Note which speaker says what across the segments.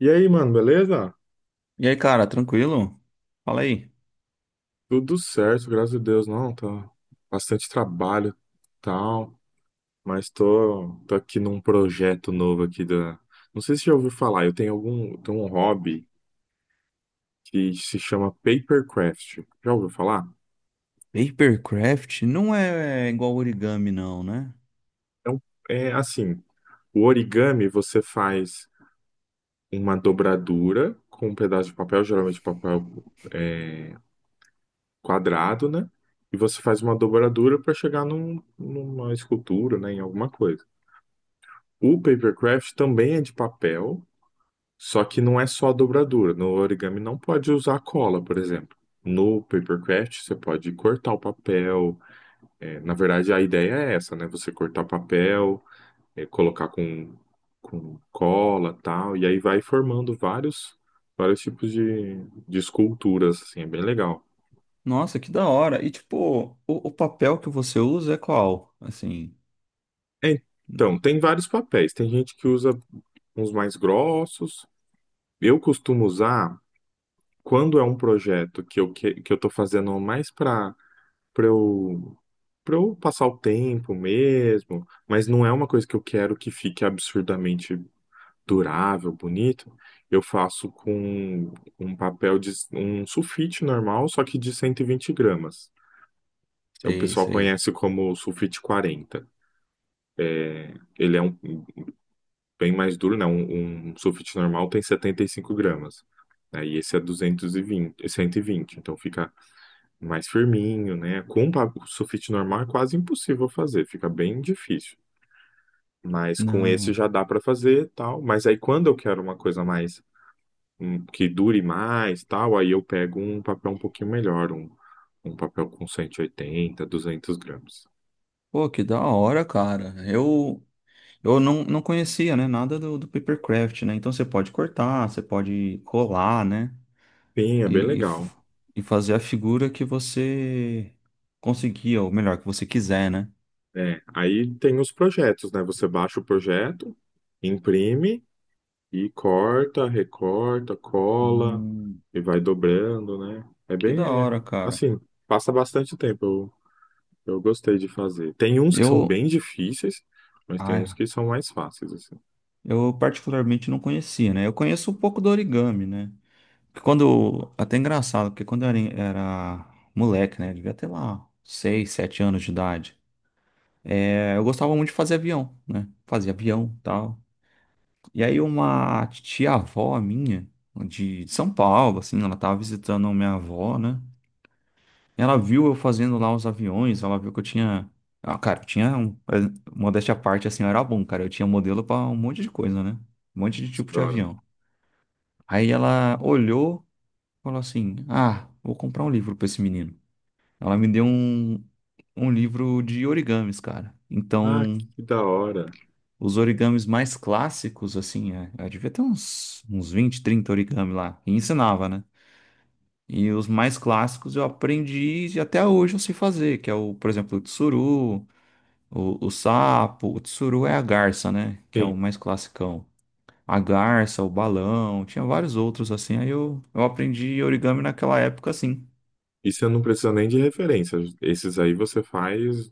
Speaker 1: E aí, mano, beleza?
Speaker 2: E aí, cara, tranquilo? Fala aí.
Speaker 1: Tudo certo, graças a Deus. Não, tá bastante trabalho, tal, mas tô aqui num projeto novo aqui da. Não sei se já ouviu falar, eu tenho um hobby que se chama papercraft. Já ouviu falar?
Speaker 2: Papercraft não é igual origami, não, né?
Speaker 1: É, é assim, o origami você faz uma dobradura com um pedaço de papel, geralmente papel é, quadrado, né? E você faz uma dobradura para chegar numa escultura, né, em alguma coisa. O papercraft também é de papel, só que não é só a dobradura. No origami não pode usar cola, por exemplo. No papercraft você pode cortar o papel. É, na verdade, a ideia é essa, né? Você cortar o papel, colocar com cola, tal, e aí vai formando vários tipos de esculturas, assim, é bem legal.
Speaker 2: Nossa, que da hora. E tipo, o papel que você usa é qual? Assim,
Speaker 1: É, então, tem vários papéis. Tem gente que usa uns mais grossos. Eu costumo usar quando é um projeto que eu tô fazendo mais para eu para eu passar o tempo mesmo, mas não é uma coisa que eu quero que fique absurdamente durável, bonito, eu faço com um papel de um sulfite normal, só que de 120 gramas. O
Speaker 2: sei,
Speaker 1: pessoal
Speaker 2: sei.
Speaker 1: conhece como sulfite 40. Ele é bem mais duro, né? Um sulfite normal tem 75 gramas. Né? E esse é 220, 120. Então fica mais firminho, né? O sulfite normal é quase impossível fazer, fica bem difícil. Mas com esse
Speaker 2: Não.
Speaker 1: já dá para fazer, e tal. Mas aí quando eu quero uma coisa mais que dure mais, tal, aí eu pego um papel um pouquinho melhor, um papel com 180, 200 gramas.
Speaker 2: Pô, que da hora, cara. Eu não conhecia, né, nada do papercraft, né? Então você pode cortar, você pode colar, né?
Speaker 1: Sim, é bem
Speaker 2: E, e,
Speaker 1: legal.
Speaker 2: f- e fazer a figura que você conseguir, ou melhor, que você quiser, né?
Speaker 1: É, aí tem os projetos, né? Você baixa o projeto, imprime e corta, recorta, cola
Speaker 2: Hum,
Speaker 1: e vai dobrando, né? É
Speaker 2: que da
Speaker 1: bem,
Speaker 2: hora, cara.
Speaker 1: assim, passa bastante tempo. Eu gostei de fazer. Tem uns que são
Speaker 2: Eu,
Speaker 1: bem difíceis, mas tem uns
Speaker 2: Ah,
Speaker 1: que são mais fáceis, assim.
Speaker 2: eu particularmente não conhecia, né? Eu conheço um pouco do origami, né? Até engraçado, porque quando eu era moleque, né? Devia ter lá 6, 7 anos de idade. É, eu gostava muito de fazer avião, né? Fazia avião, tal. E aí uma tia-avó minha, de São Paulo, assim, ela tava visitando minha avó, né? Ela viu eu fazendo lá os aviões, ela viu que eu tinha. Ah, cara, eu tinha um. Modéstia à parte, assim, eu era bom, cara. Eu tinha modelo pra um monte de coisa, né? Um monte de
Speaker 1: Nossa, que
Speaker 2: tipo
Speaker 1: da
Speaker 2: de
Speaker 1: hora.
Speaker 2: avião. Aí ela olhou, e falou assim: Ah, vou comprar um livro pra esse menino. Ela me deu um livro de origamis, cara.
Speaker 1: Ah,
Speaker 2: Então,
Speaker 1: que da hora.
Speaker 2: os origamis mais clássicos, assim, eu devia ter uns 20, 30 origami lá. E ensinava, né? E os mais clássicos eu aprendi e até hoje eu sei fazer, que é o, por exemplo, o tsuru, o sapo. O tsuru é a garça, né? Que é o
Speaker 1: Sim.
Speaker 2: mais clássico a garça, o balão, tinha vários outros assim. Aí eu aprendi origami naquela época assim.
Speaker 1: E você não precisa nem de referência. Esses aí você faz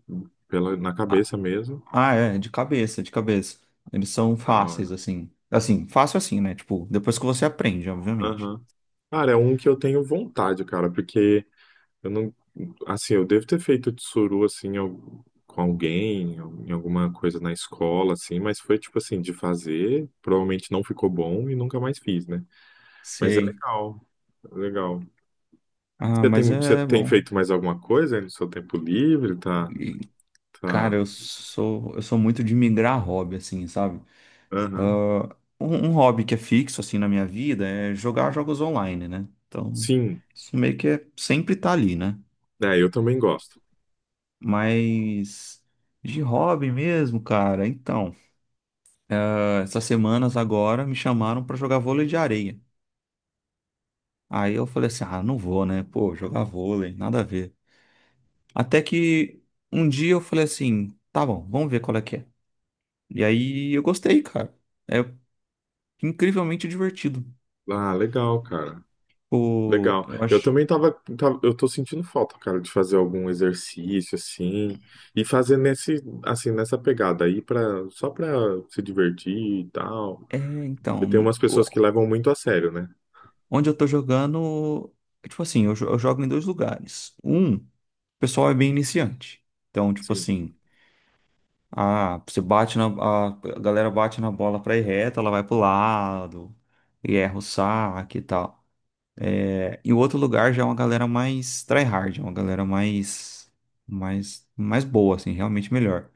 Speaker 1: pela, na
Speaker 2: Ah,
Speaker 1: cabeça mesmo.
Speaker 2: ah, é, de cabeça, de cabeça. Eles são
Speaker 1: Da
Speaker 2: fáceis
Speaker 1: hora.
Speaker 2: assim. Assim, fácil assim, né? Tipo, depois que você aprende, obviamente.
Speaker 1: Aham. Cara, é um que eu tenho vontade, cara, porque eu não, assim, eu devo ter feito tsuru assim com alguém, em alguma coisa na escola assim, mas foi tipo assim de fazer, provavelmente não ficou bom e nunca mais fiz, né? Mas é
Speaker 2: Sei.
Speaker 1: legal. É legal.
Speaker 2: Ah,
Speaker 1: Você
Speaker 2: mas
Speaker 1: tem, você
Speaker 2: é
Speaker 1: tem
Speaker 2: bom.
Speaker 1: feito mais alguma coisa aí no seu tempo livre? Tá,
Speaker 2: E,
Speaker 1: tá.
Speaker 2: cara, eu sou muito de migrar hobby assim, sabe?
Speaker 1: Aham.
Speaker 2: Ah, um hobby que é fixo assim na minha vida é jogar jogos online, né? Então,
Speaker 1: Sim.
Speaker 2: isso meio que é, sempre tá ali, né?
Speaker 1: É, eu também gosto.
Speaker 2: Mas de hobby mesmo, cara. Então, essas semanas agora me chamaram pra jogar vôlei de areia. Aí eu falei assim: "Ah, não vou, né? Pô, jogar vôlei, nada a ver". Até que um dia eu falei assim: "Tá bom, vamos ver qual é que é". E aí eu gostei, cara. É incrivelmente divertido.
Speaker 1: Ah, legal, cara.
Speaker 2: Pô,
Speaker 1: Legal.
Speaker 2: eu
Speaker 1: Eu
Speaker 2: acho.
Speaker 1: também eu tô sentindo falta, cara, de fazer algum exercício assim e fazer nesse, assim, nessa pegada aí para só para se divertir e tal.
Speaker 2: É,
Speaker 1: Eu tenho
Speaker 2: então,
Speaker 1: umas pessoas que levam muito a sério, né?
Speaker 2: onde eu tô jogando, tipo assim, eu jogo em dois lugares. Um, o pessoal é bem iniciante. Então, tipo
Speaker 1: Sim.
Speaker 2: assim, Ah, você bate na. A galera bate na bola pra ir reta, ela vai pro lado e erra o saque e tal. É, e o outro lugar já é uma galera mais tryhard, é uma galera mais boa, assim, realmente melhor.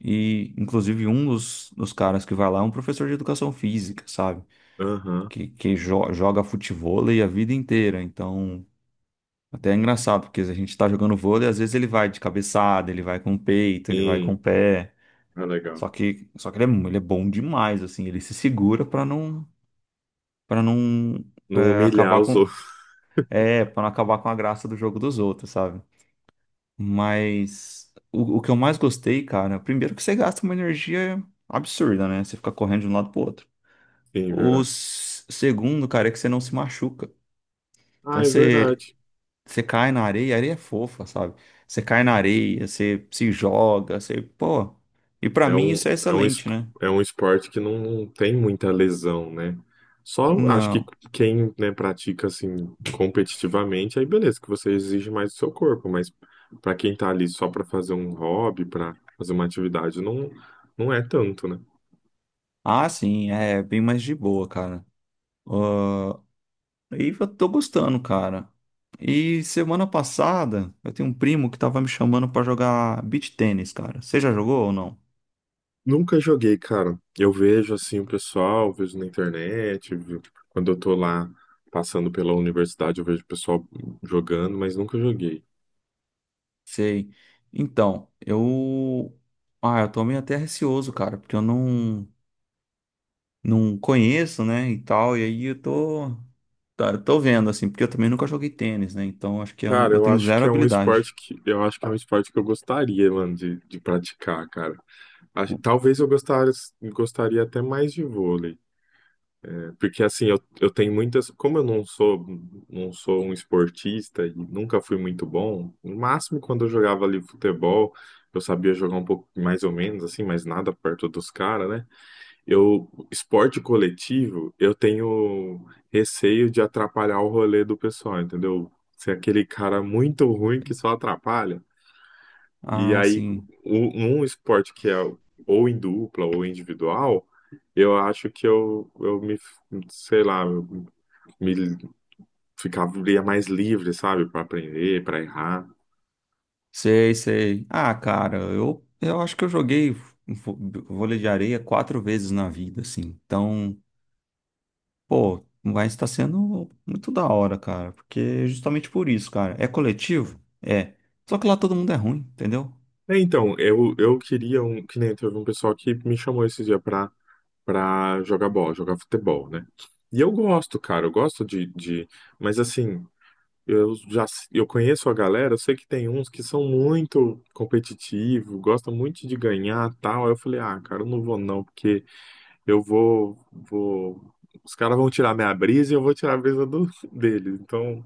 Speaker 2: E, inclusive, um dos caras que vai lá é um professor de educação física, sabe?
Speaker 1: Aham.
Speaker 2: Que joga futevôlei a vida inteira. Então, até é engraçàdo, porque a gente tá jogando vôlei, às vezes ele vai de cabeçada, ele vai com o peito, ele vai com
Speaker 1: Sim.
Speaker 2: o pé.
Speaker 1: Ah, legal.
Speaker 2: Só que ele é bom demais, assim, ele se segura pra não, para não
Speaker 1: Não
Speaker 2: é,
Speaker 1: humilhar
Speaker 2: acabar
Speaker 1: os
Speaker 2: com,
Speaker 1: outros.
Speaker 2: para não acabar com a graça do jogo dos outros, sabe? Mas o que eu mais gostei, cara, primeiro que você gasta uma energia absurda, né? Você fica correndo de um lado pro outro.
Speaker 1: Sim,
Speaker 2: O
Speaker 1: verdade.
Speaker 2: segundo, cara, é que você não se machuca. Então
Speaker 1: Ah, é
Speaker 2: você,
Speaker 1: verdade.
Speaker 2: você cai na areia, a areia é fofa, sabe? Você cai na areia, você se joga, você, pô. E pra
Speaker 1: É
Speaker 2: mim
Speaker 1: um,
Speaker 2: isso é
Speaker 1: é um, es-
Speaker 2: excelente, né?
Speaker 1: é um esporte que não tem muita lesão, né? Só acho que
Speaker 2: Não.
Speaker 1: quem, né, pratica assim competitivamente, aí beleza, que você exige mais do seu corpo, mas pra quem tá ali só pra fazer um hobby, pra fazer uma atividade, não é tanto, né?
Speaker 2: Ah, sim, é bem mais de boa, cara. Ah, e eu tô gostando, cara. E semana passada, eu tenho um primo que tava me chamando pra jogar beach tênis, cara. Você já jogou ou não?
Speaker 1: Nunca joguei, cara. Eu vejo assim o pessoal, vejo na internet, quando eu tô lá passando pela universidade, eu vejo o pessoal jogando, mas nunca joguei.
Speaker 2: Sei. Então, eu. Ah, eu tô meio até receoso, cara, porque eu não conheço, né, e tal. E aí eu tô. Tá, eu tô vendo, assim, porque eu também nunca joguei tênis, né? Então acho que eu, não-
Speaker 1: Cara,
Speaker 2: eu tenho zero habilidade.
Speaker 1: eu acho que é um esporte que eu gostaria, mano, de praticar, cara. Talvez eu gostar, gostaria até mais de vôlei, né? Porque assim, eu tenho muitas, como eu não sou um esportista e nunca fui muito bom, no máximo quando eu jogava ali futebol, eu sabia jogar um pouco mais ou menos assim, mas nada perto dos caras, né? Eu, esporte coletivo, eu tenho receio de atrapalhar o rolê do pessoal, entendeu? Ser aquele cara muito ruim que só atrapalha. E
Speaker 2: Ah,
Speaker 1: aí,
Speaker 2: sim.
Speaker 1: um esporte que é ou em dupla ou individual, eu acho que eu me, sei lá, eu me ficaria mais livre, sabe? Para aprender, para errar.
Speaker 2: Sei, sei. Ah, cara, eu acho que eu joguei vo- vôlei de areia 4 vezes na vida, assim. Então, pô, vai estar sendo muito da hora, cara. Porque justamente por isso, cara. É coletivo? É. Só que lá todo mundo é ruim, entendeu?
Speaker 1: É, então, eu queria um, que nem teve um pessoal que me chamou esse dia para pra jogar bola, jogar futebol, né? E eu gosto, cara, eu gosto. Mas assim, eu já eu conheço a galera, eu sei que tem uns que são muito competitivos, gostam muito de ganhar tal. Aí eu falei, ah, cara, eu não vou não, porque eu vou, vou... Os caras vão tirar minha brisa e eu vou tirar a brisa do, deles, então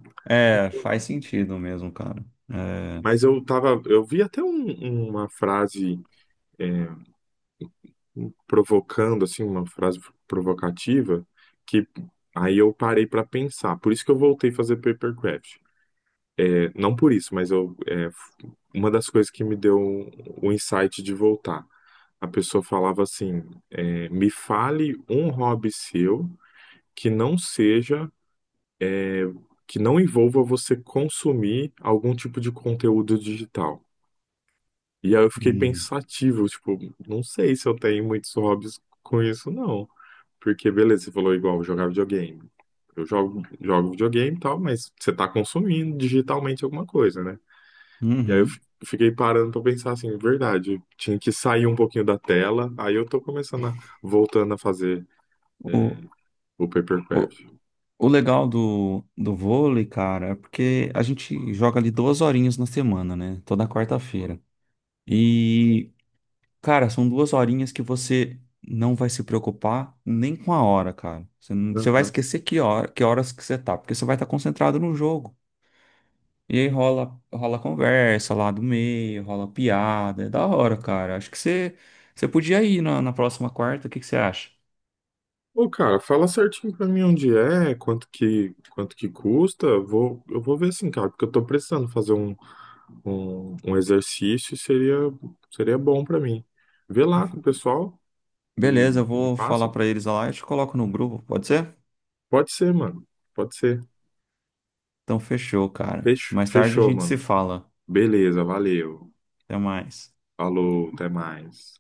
Speaker 1: não
Speaker 2: É,
Speaker 1: vou
Speaker 2: faz
Speaker 1: não.
Speaker 2: sentido mesmo, cara. É.
Speaker 1: Mas eu vi até uma frase. é, provocando assim uma frase provocativa que aí eu parei para pensar. Por isso que eu voltei a fazer papercraft. É, não por isso, mas uma das coisas que me deu o insight de voltar. A pessoa falava assim: me fale um hobby seu que não seja, é, que não envolva você consumir algum tipo de conteúdo digital. E aí eu fiquei
Speaker 2: Hum,
Speaker 1: pensativo, tipo, não sei se eu tenho muitos hobbies com isso, não. Porque, beleza, você falou igual, jogar videogame. Eu jogo videogame e tal, mas você tá consumindo digitalmente alguma coisa, né? E aí eu
Speaker 2: uhum.
Speaker 1: fiquei parando pra pensar assim, verdade, eu tinha que sair um pouquinho da tela, aí eu tô começando a, voltando a fazer é,
Speaker 2: O,
Speaker 1: o
Speaker 2: o,
Speaker 1: papercraft.
Speaker 2: o legal do vôlei, cara, é porque a gente joga ali duas horinhas na semana, né? Toda quarta-feira. E, cara, são duas horinhas que você não vai se preocupar nem com a hora, cara. Você, não- você vai
Speaker 1: Aham.
Speaker 2: esquecer que horas que você tá, porque você vai estar concentrado no jogo. E aí rola conversa lá do meio, rola piada, é da hora, cara. Acho que você podia ir na próxima quarta, o que que você acha?
Speaker 1: Ô, cara, fala certinho pra mim onde é, quanto que custa, eu vou ver assim, cara, porque eu tô precisando fazer um exercício seria bom pra mim. Vê lá com o pessoal e
Speaker 2: Beleza, eu
Speaker 1: me
Speaker 2: vou
Speaker 1: passa.
Speaker 2: falar pra eles lá e te coloco no grupo, pode ser?
Speaker 1: Pode ser, mano. Pode ser.
Speaker 2: Então fechou, cara. Mais tarde a
Speaker 1: Fechou,
Speaker 2: gente se
Speaker 1: mano.
Speaker 2: fala.
Speaker 1: Beleza, valeu.
Speaker 2: Até mais.
Speaker 1: Falou, até mais.